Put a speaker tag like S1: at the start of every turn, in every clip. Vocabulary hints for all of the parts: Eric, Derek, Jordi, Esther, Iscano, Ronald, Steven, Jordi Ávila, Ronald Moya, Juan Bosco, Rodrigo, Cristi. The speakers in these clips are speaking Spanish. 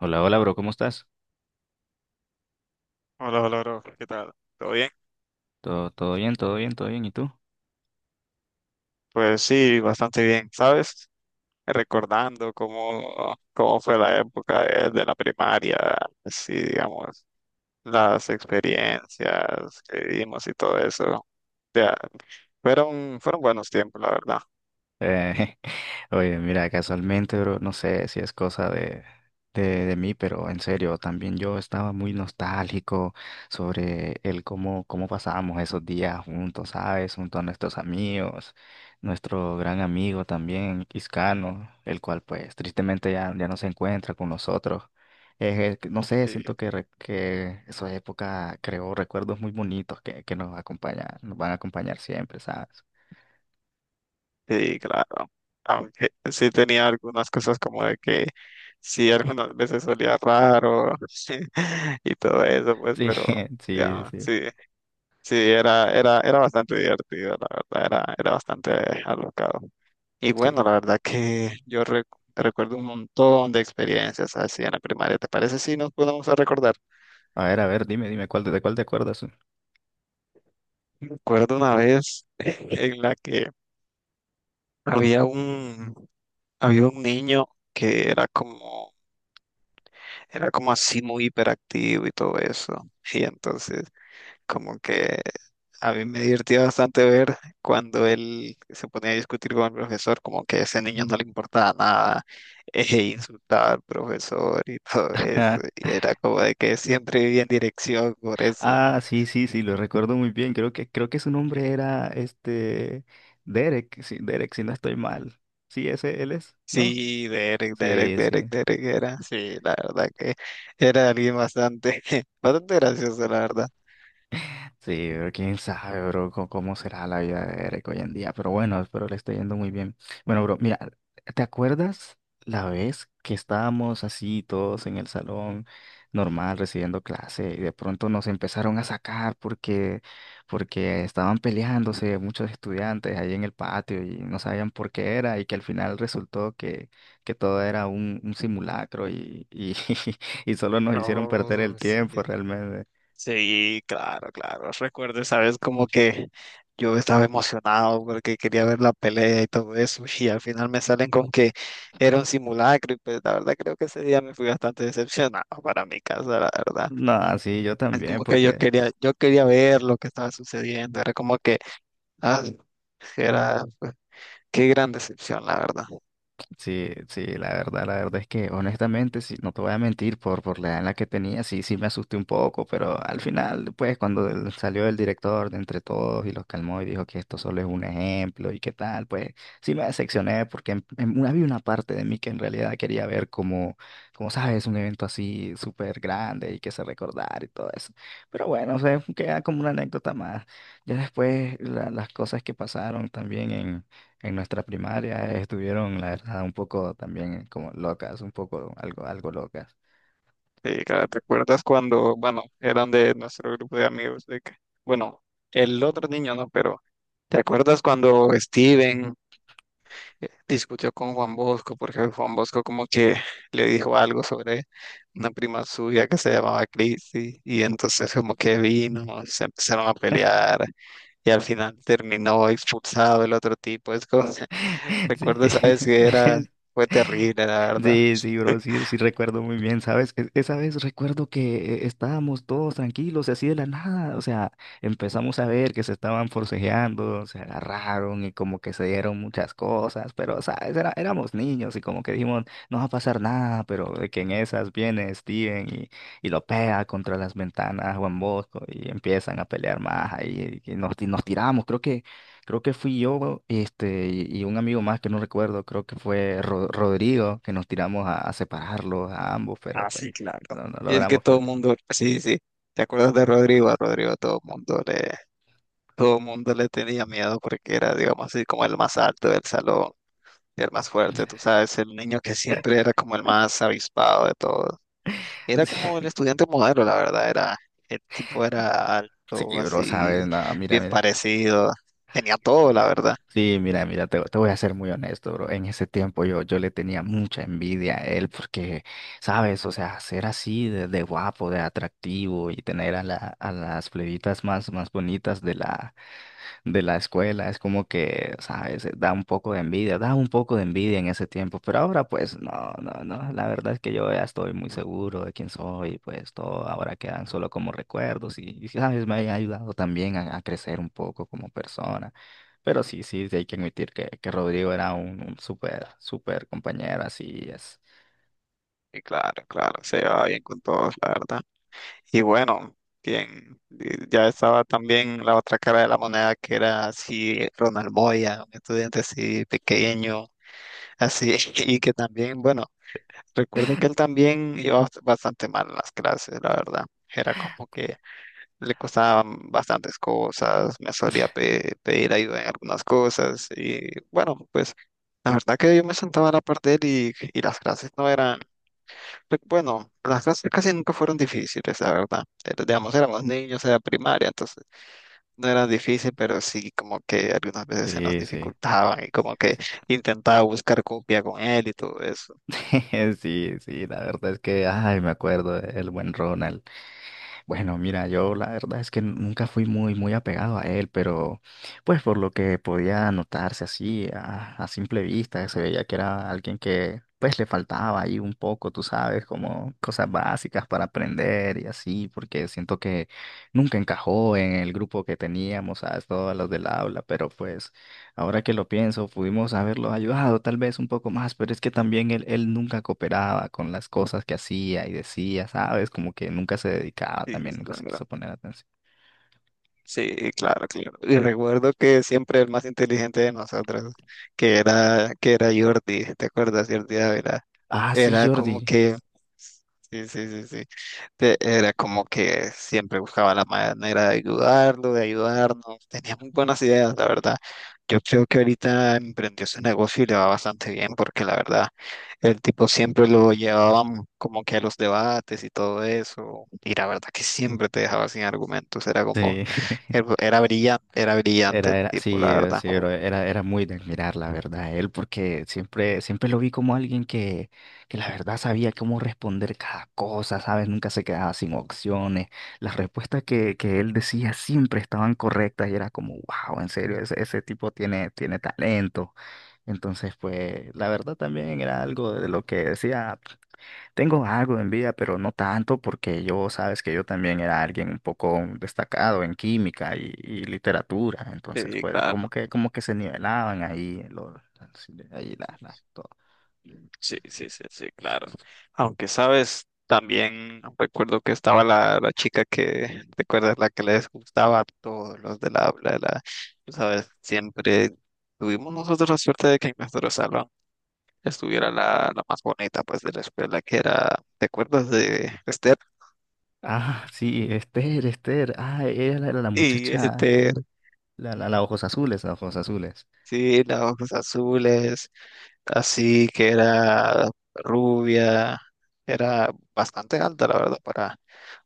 S1: Hola, hola, bro, ¿cómo estás?
S2: Hola, hola, bro. ¿Qué tal? ¿Todo bien?
S1: Todo, todo bien, todo bien, todo bien. ¿Y tú?
S2: Pues sí, bastante bien, ¿sabes? Recordando cómo fue la época de la primaria, sí, digamos, las experiencias que vivimos y todo eso. Ya, fueron buenos tiempos, la verdad.
S1: Eh, oye, mira, casualmente, bro, no sé si es cosa de, de mí, pero en serio, también yo estaba muy nostálgico sobre el cómo, cómo pasábamos esos días juntos, ¿sabes? Junto a nuestros amigos, nuestro gran amigo también, Iscano, el cual pues tristemente ya no se encuentra con nosotros. No sé,
S2: Sí,
S1: siento que, que esa época creó recuerdos muy bonitos que nos acompañan, nos van a acompañar siempre, ¿sabes?
S2: sí, claro. Aunque sí tenía algunas cosas como de que sí, algunas veces solía raro y todo eso, pues,
S1: Sí,
S2: pero
S1: sí,
S2: ya,
S1: sí.
S2: sí. Sí, era bastante divertido, la verdad, era bastante alocado. Y
S1: Sí.
S2: bueno, la verdad que recuerdo un montón de experiencias así en la primaria. ¿Te parece si nos podemos a recordar?
S1: A ver, dime, dime, ¿cuál, ¿de cuál te acuerdas?
S2: Recuerdo una vez en la que había un, había un niño que era como así muy hiperactivo y todo eso. Y entonces como que a mí me divertía bastante ver cuando él se ponía a discutir con el profesor, como que a ese niño no le importaba nada, e insultaba al profesor y todo eso.
S1: Ah,
S2: Y era como de que siempre vivía en dirección por eso.
S1: ah, sí, sí, sí, lo recuerdo muy bien. Creo que su nombre era este Derek, sí, Derek, si no estoy mal. Sí, ese él es, ¿no?
S2: Sí, Derek, Derek,
S1: Sí,
S2: Derek,
S1: sí.
S2: Derek era. Sí, la verdad que era alguien bastante, bastante gracioso, la verdad.
S1: Sí, pero quién sabe, bro, cómo será la vida de Eric hoy en día. Pero bueno, espero le esté yendo muy bien. Bueno, bro, mira, ¿te acuerdas la vez que estábamos así todos en el salón normal recibiendo clase y de pronto nos empezaron a sacar porque, porque estaban peleándose muchos estudiantes ahí en el patio y no sabían por qué era y que al final resultó que todo era un simulacro y, y solo nos hicieron perder el
S2: Oh,
S1: tiempo
S2: sí.
S1: realmente.
S2: Sí, claro, claro. Recuerdo, sabes, como que yo estaba emocionado porque quería ver la pelea y todo eso, y al final me salen con que era un simulacro, y pues la verdad creo que ese día me fui bastante decepcionado para mi casa, la verdad.
S1: No, sí, yo
S2: Es
S1: también,
S2: como que yo
S1: porque
S2: quería, yo quería ver lo que estaba sucediendo, era como que, ah, era, qué gran decepción, la verdad.
S1: sí, sí, la verdad es que honestamente, sí, no te voy a mentir, por la edad en la que tenía, sí, sí me asusté un poco, pero al final, pues, cuando salió el director de entre todos y los calmó y dijo que esto solo es un ejemplo y qué tal, pues, sí me decepcioné porque había una parte de mí que en realidad quería ver como, como sabes, un evento así súper grande y que se recordar y todo eso. Pero bueno, o sea, queda como una anécdota más. Ya después, las cosas que pasaron también en nuestra primaria estuvieron, la verdad, un poco también como locas, un poco algo, algo locas.
S2: Sí, claro, ¿te acuerdas cuando, bueno, eran de nuestro grupo de amigos, de que, bueno, el otro niño no, pero... ¿Te acuerdas cuando Steven, discutió con Juan Bosco porque Juan Bosco como que le dijo algo sobre una prima suya que se llamaba Cristi y entonces como que vino, se empezaron a pelear y al final terminó expulsado el otro tipo. Es como,
S1: Sí.
S2: recuerdo esa vez que era, fue terrible, la verdad.
S1: Sí, sí, bro, sí, sí recuerdo muy bien, ¿sabes? Esa vez recuerdo que estábamos todos tranquilos y así de la nada, o sea, empezamos a ver que se estaban forcejeando, se agarraron y como que se dieron muchas cosas, pero, ¿sabes? Éramos niños y como que dijimos, no va a pasar nada, pero de que en esas viene Steven y lo pega contra las ventanas Juan Bosco y empiezan a pelear más ahí y nos tiramos, creo que... Creo que fui yo, este, y un amigo más que no recuerdo, creo que fue Rodrigo, que nos tiramos a separarlos a ambos, pero
S2: Ah,
S1: pues
S2: sí, claro.
S1: no, no
S2: Y es que
S1: logramos
S2: todo el
S1: mucho.
S2: mundo, sí, sí. ¿Te acuerdas de Rodrigo? A Rodrigo todo el mundo le tenía miedo porque era, digamos así, como el más alto del salón. Era el más fuerte, tú sabes, el niño que siempre era como el más avispado de todos. Era como el estudiante modelo, la verdad, era, el tipo era
S1: Sí,
S2: alto,
S1: bro, sabes,
S2: así,
S1: no, mira,
S2: bien
S1: mira.
S2: parecido, tenía todo, la verdad.
S1: Sí, mira, mira, te voy a ser muy honesto, bro. En ese tiempo yo, yo le tenía mucha envidia a él porque, sabes, o sea, ser así de guapo, de atractivo y tener a, la, a las plebitas más, más bonitas de la escuela, es como que, ¿sabes? Da un poco de envidia, da un poco de envidia en ese tiempo, pero ahora pues no, no, no, la verdad es que yo ya estoy muy seguro de quién soy, pues todo ahora quedan solo como recuerdos y, ¿sabes? Me ha ayudado también a crecer un poco como persona, pero sí, sí, sí hay que admitir que Rodrigo era un súper, súper compañero, así es.
S2: Y claro, claro, se llevaba bien con todos, la verdad. Y bueno, bien, y ya estaba también la otra cara de la moneda que era así, Ronald Moya, un estudiante así pequeño, así, y que también, bueno, recuerdo que él también iba bastante mal en las clases, la verdad. Era como que le costaban bastantes cosas, me solía pedir ayuda en algunas cosas y bueno, pues la verdad que yo me sentaba a la par de él y las clases no eran, pues, bueno, las clases casi nunca fueron difíciles, la verdad. Era, digamos, éramos niños, era primaria, entonces no era difícil, pero sí como que algunas veces se nos
S1: Sí, sí,
S2: dificultaban y como que
S1: sí.
S2: intentaba buscar copia con él y todo eso.
S1: Sí, sí, la verdad es que, ay, me acuerdo del buen Ronald. Bueno, mira, yo la verdad es que nunca fui muy, muy apegado a él, pero pues por lo que podía notarse así a simple vista, se veía que era alguien que pues le faltaba ahí un poco, tú sabes, como cosas básicas para aprender y así, porque siento que nunca encajó en el grupo que teníamos, ¿sabes? Todos los del aula, pero pues ahora que lo pienso, pudimos haberlo ayudado tal vez un poco más, pero es que también él nunca cooperaba con las cosas que hacía y decía, ¿sabes? Como que nunca se dedicaba
S2: Y
S1: también, nunca se quiso poner atención.
S2: sí, claro, claro. Y recuerdo que siempre el más inteligente de nosotros, que era Jordi, ¿te acuerdas? Jordi Ávila.
S1: Ah, sí,
S2: Era como
S1: Jordi.
S2: que, sí. Era como que siempre buscaba la manera de ayudarlo, de ayudarnos. Tenía muy buenas ideas, la verdad. Yo creo que ahorita emprendió su negocio y le va bastante bien, porque la verdad, el tipo siempre lo llevábamos como que a los debates y todo eso. Y la verdad que siempre te dejaba sin argumentos. Era como
S1: Sí.
S2: era era brillante
S1: Era,
S2: el
S1: era,
S2: tipo,
S1: sí,
S2: la verdad.
S1: sí, pero era, era muy de admirar, la verdad, él, porque siempre, siempre lo vi como alguien que la verdad sabía cómo responder cada cosa, ¿sabes? Nunca se quedaba sin opciones. Las respuestas que él decía siempre estaban correctas y era como, wow, en serio, ese tipo tiene, tiene talento. Entonces, pues, la verdad también era algo de lo que decía. Tengo algo de envidia, pero no tanto porque yo, sabes que yo también era alguien un poco destacado en química y literatura, entonces
S2: Sí,
S1: pues
S2: claro,
S1: como que se nivelaban ahí los ahí la, todo.
S2: sí, claro. Aunque sabes, también recuerdo que estaba la chica que, ¿te acuerdas? La que les gustaba a todos los del habla, la, tú sabes, siempre tuvimos nosotros la suerte de que en nuestro salón estuviera la más bonita, pues, de la escuela, que era, ¿te acuerdas de Esther?
S1: Ah, sí, Esther, Esther, ah, ella era la, la
S2: Y
S1: muchacha,
S2: Esther,
S1: la ojos azules, la ojos azules.
S2: sí, los ojos azules, así que era rubia, era bastante alta, la verdad, para,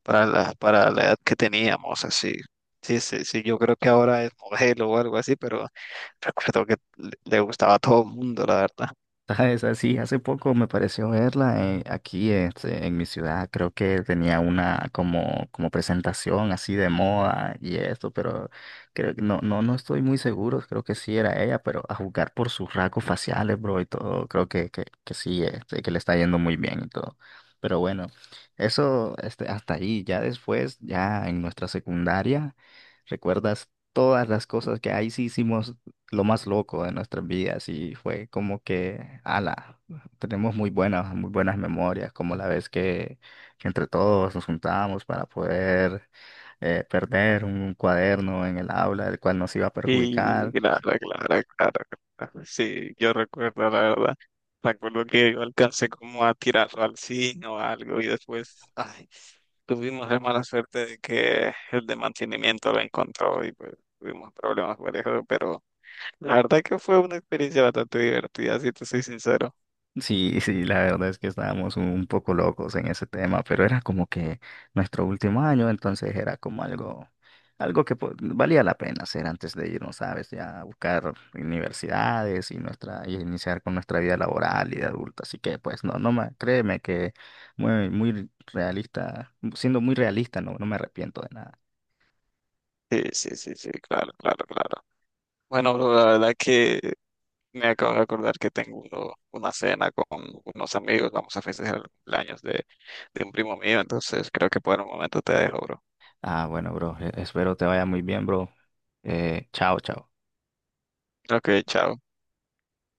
S2: para la edad que teníamos, así. Sí, yo creo que ahora es modelo o algo así, pero recuerdo que le gustaba a todo el mundo, la verdad.
S1: ¿Sabes? Así, hace poco me pareció verla aquí este, en mi ciudad. Creo que tenía una como, como presentación así de moda y esto, pero creo que no, no, no estoy muy seguro. Creo que sí era ella, pero a juzgar por sus rasgos faciales, bro, y todo, creo que sí, este, que le está yendo muy bien y todo. Pero bueno, eso este, hasta ahí. Ya después, ya en nuestra secundaria, ¿recuerdas todas las cosas que ahí sí hicimos? Lo más loco de nuestras vidas y fue como que, ala, tenemos muy buenas memorias, como la vez que entre todos nos juntábamos para poder perder un cuaderno en el aula, el cual nos iba a
S2: Y
S1: perjudicar.
S2: claro. Sí, yo recuerdo, la verdad. Recuerdo que yo alcancé como a tirarlo al zinc o algo y después, ay, tuvimos la mala suerte de que el de mantenimiento lo encontró y pues tuvimos problemas por eso, pero la verdad que fue una experiencia bastante divertida, si te soy sincero.
S1: Sí, sí, la verdad es que estábamos un poco locos en ese tema, pero era como que nuestro último año, entonces era como algo, algo que valía la pena hacer antes de irnos, ¿sabes? Ya a buscar universidades y nuestra, y iniciar con nuestra vida laboral y de adulto. Así que pues no, no me, créeme que muy, muy realista, siendo muy realista, no, no me arrepiento de nada.
S2: Sí, claro, claro, claro. Bueno, bro, la verdad que me acabo de acordar que tengo una cena con unos amigos, vamos a festejar el cumpleaños de un primo mío, entonces creo que por el momento te dejo, bro.
S1: Ah, bueno, bro, espero te vaya muy bien, bro. Chao, chao.
S2: Ok, chao.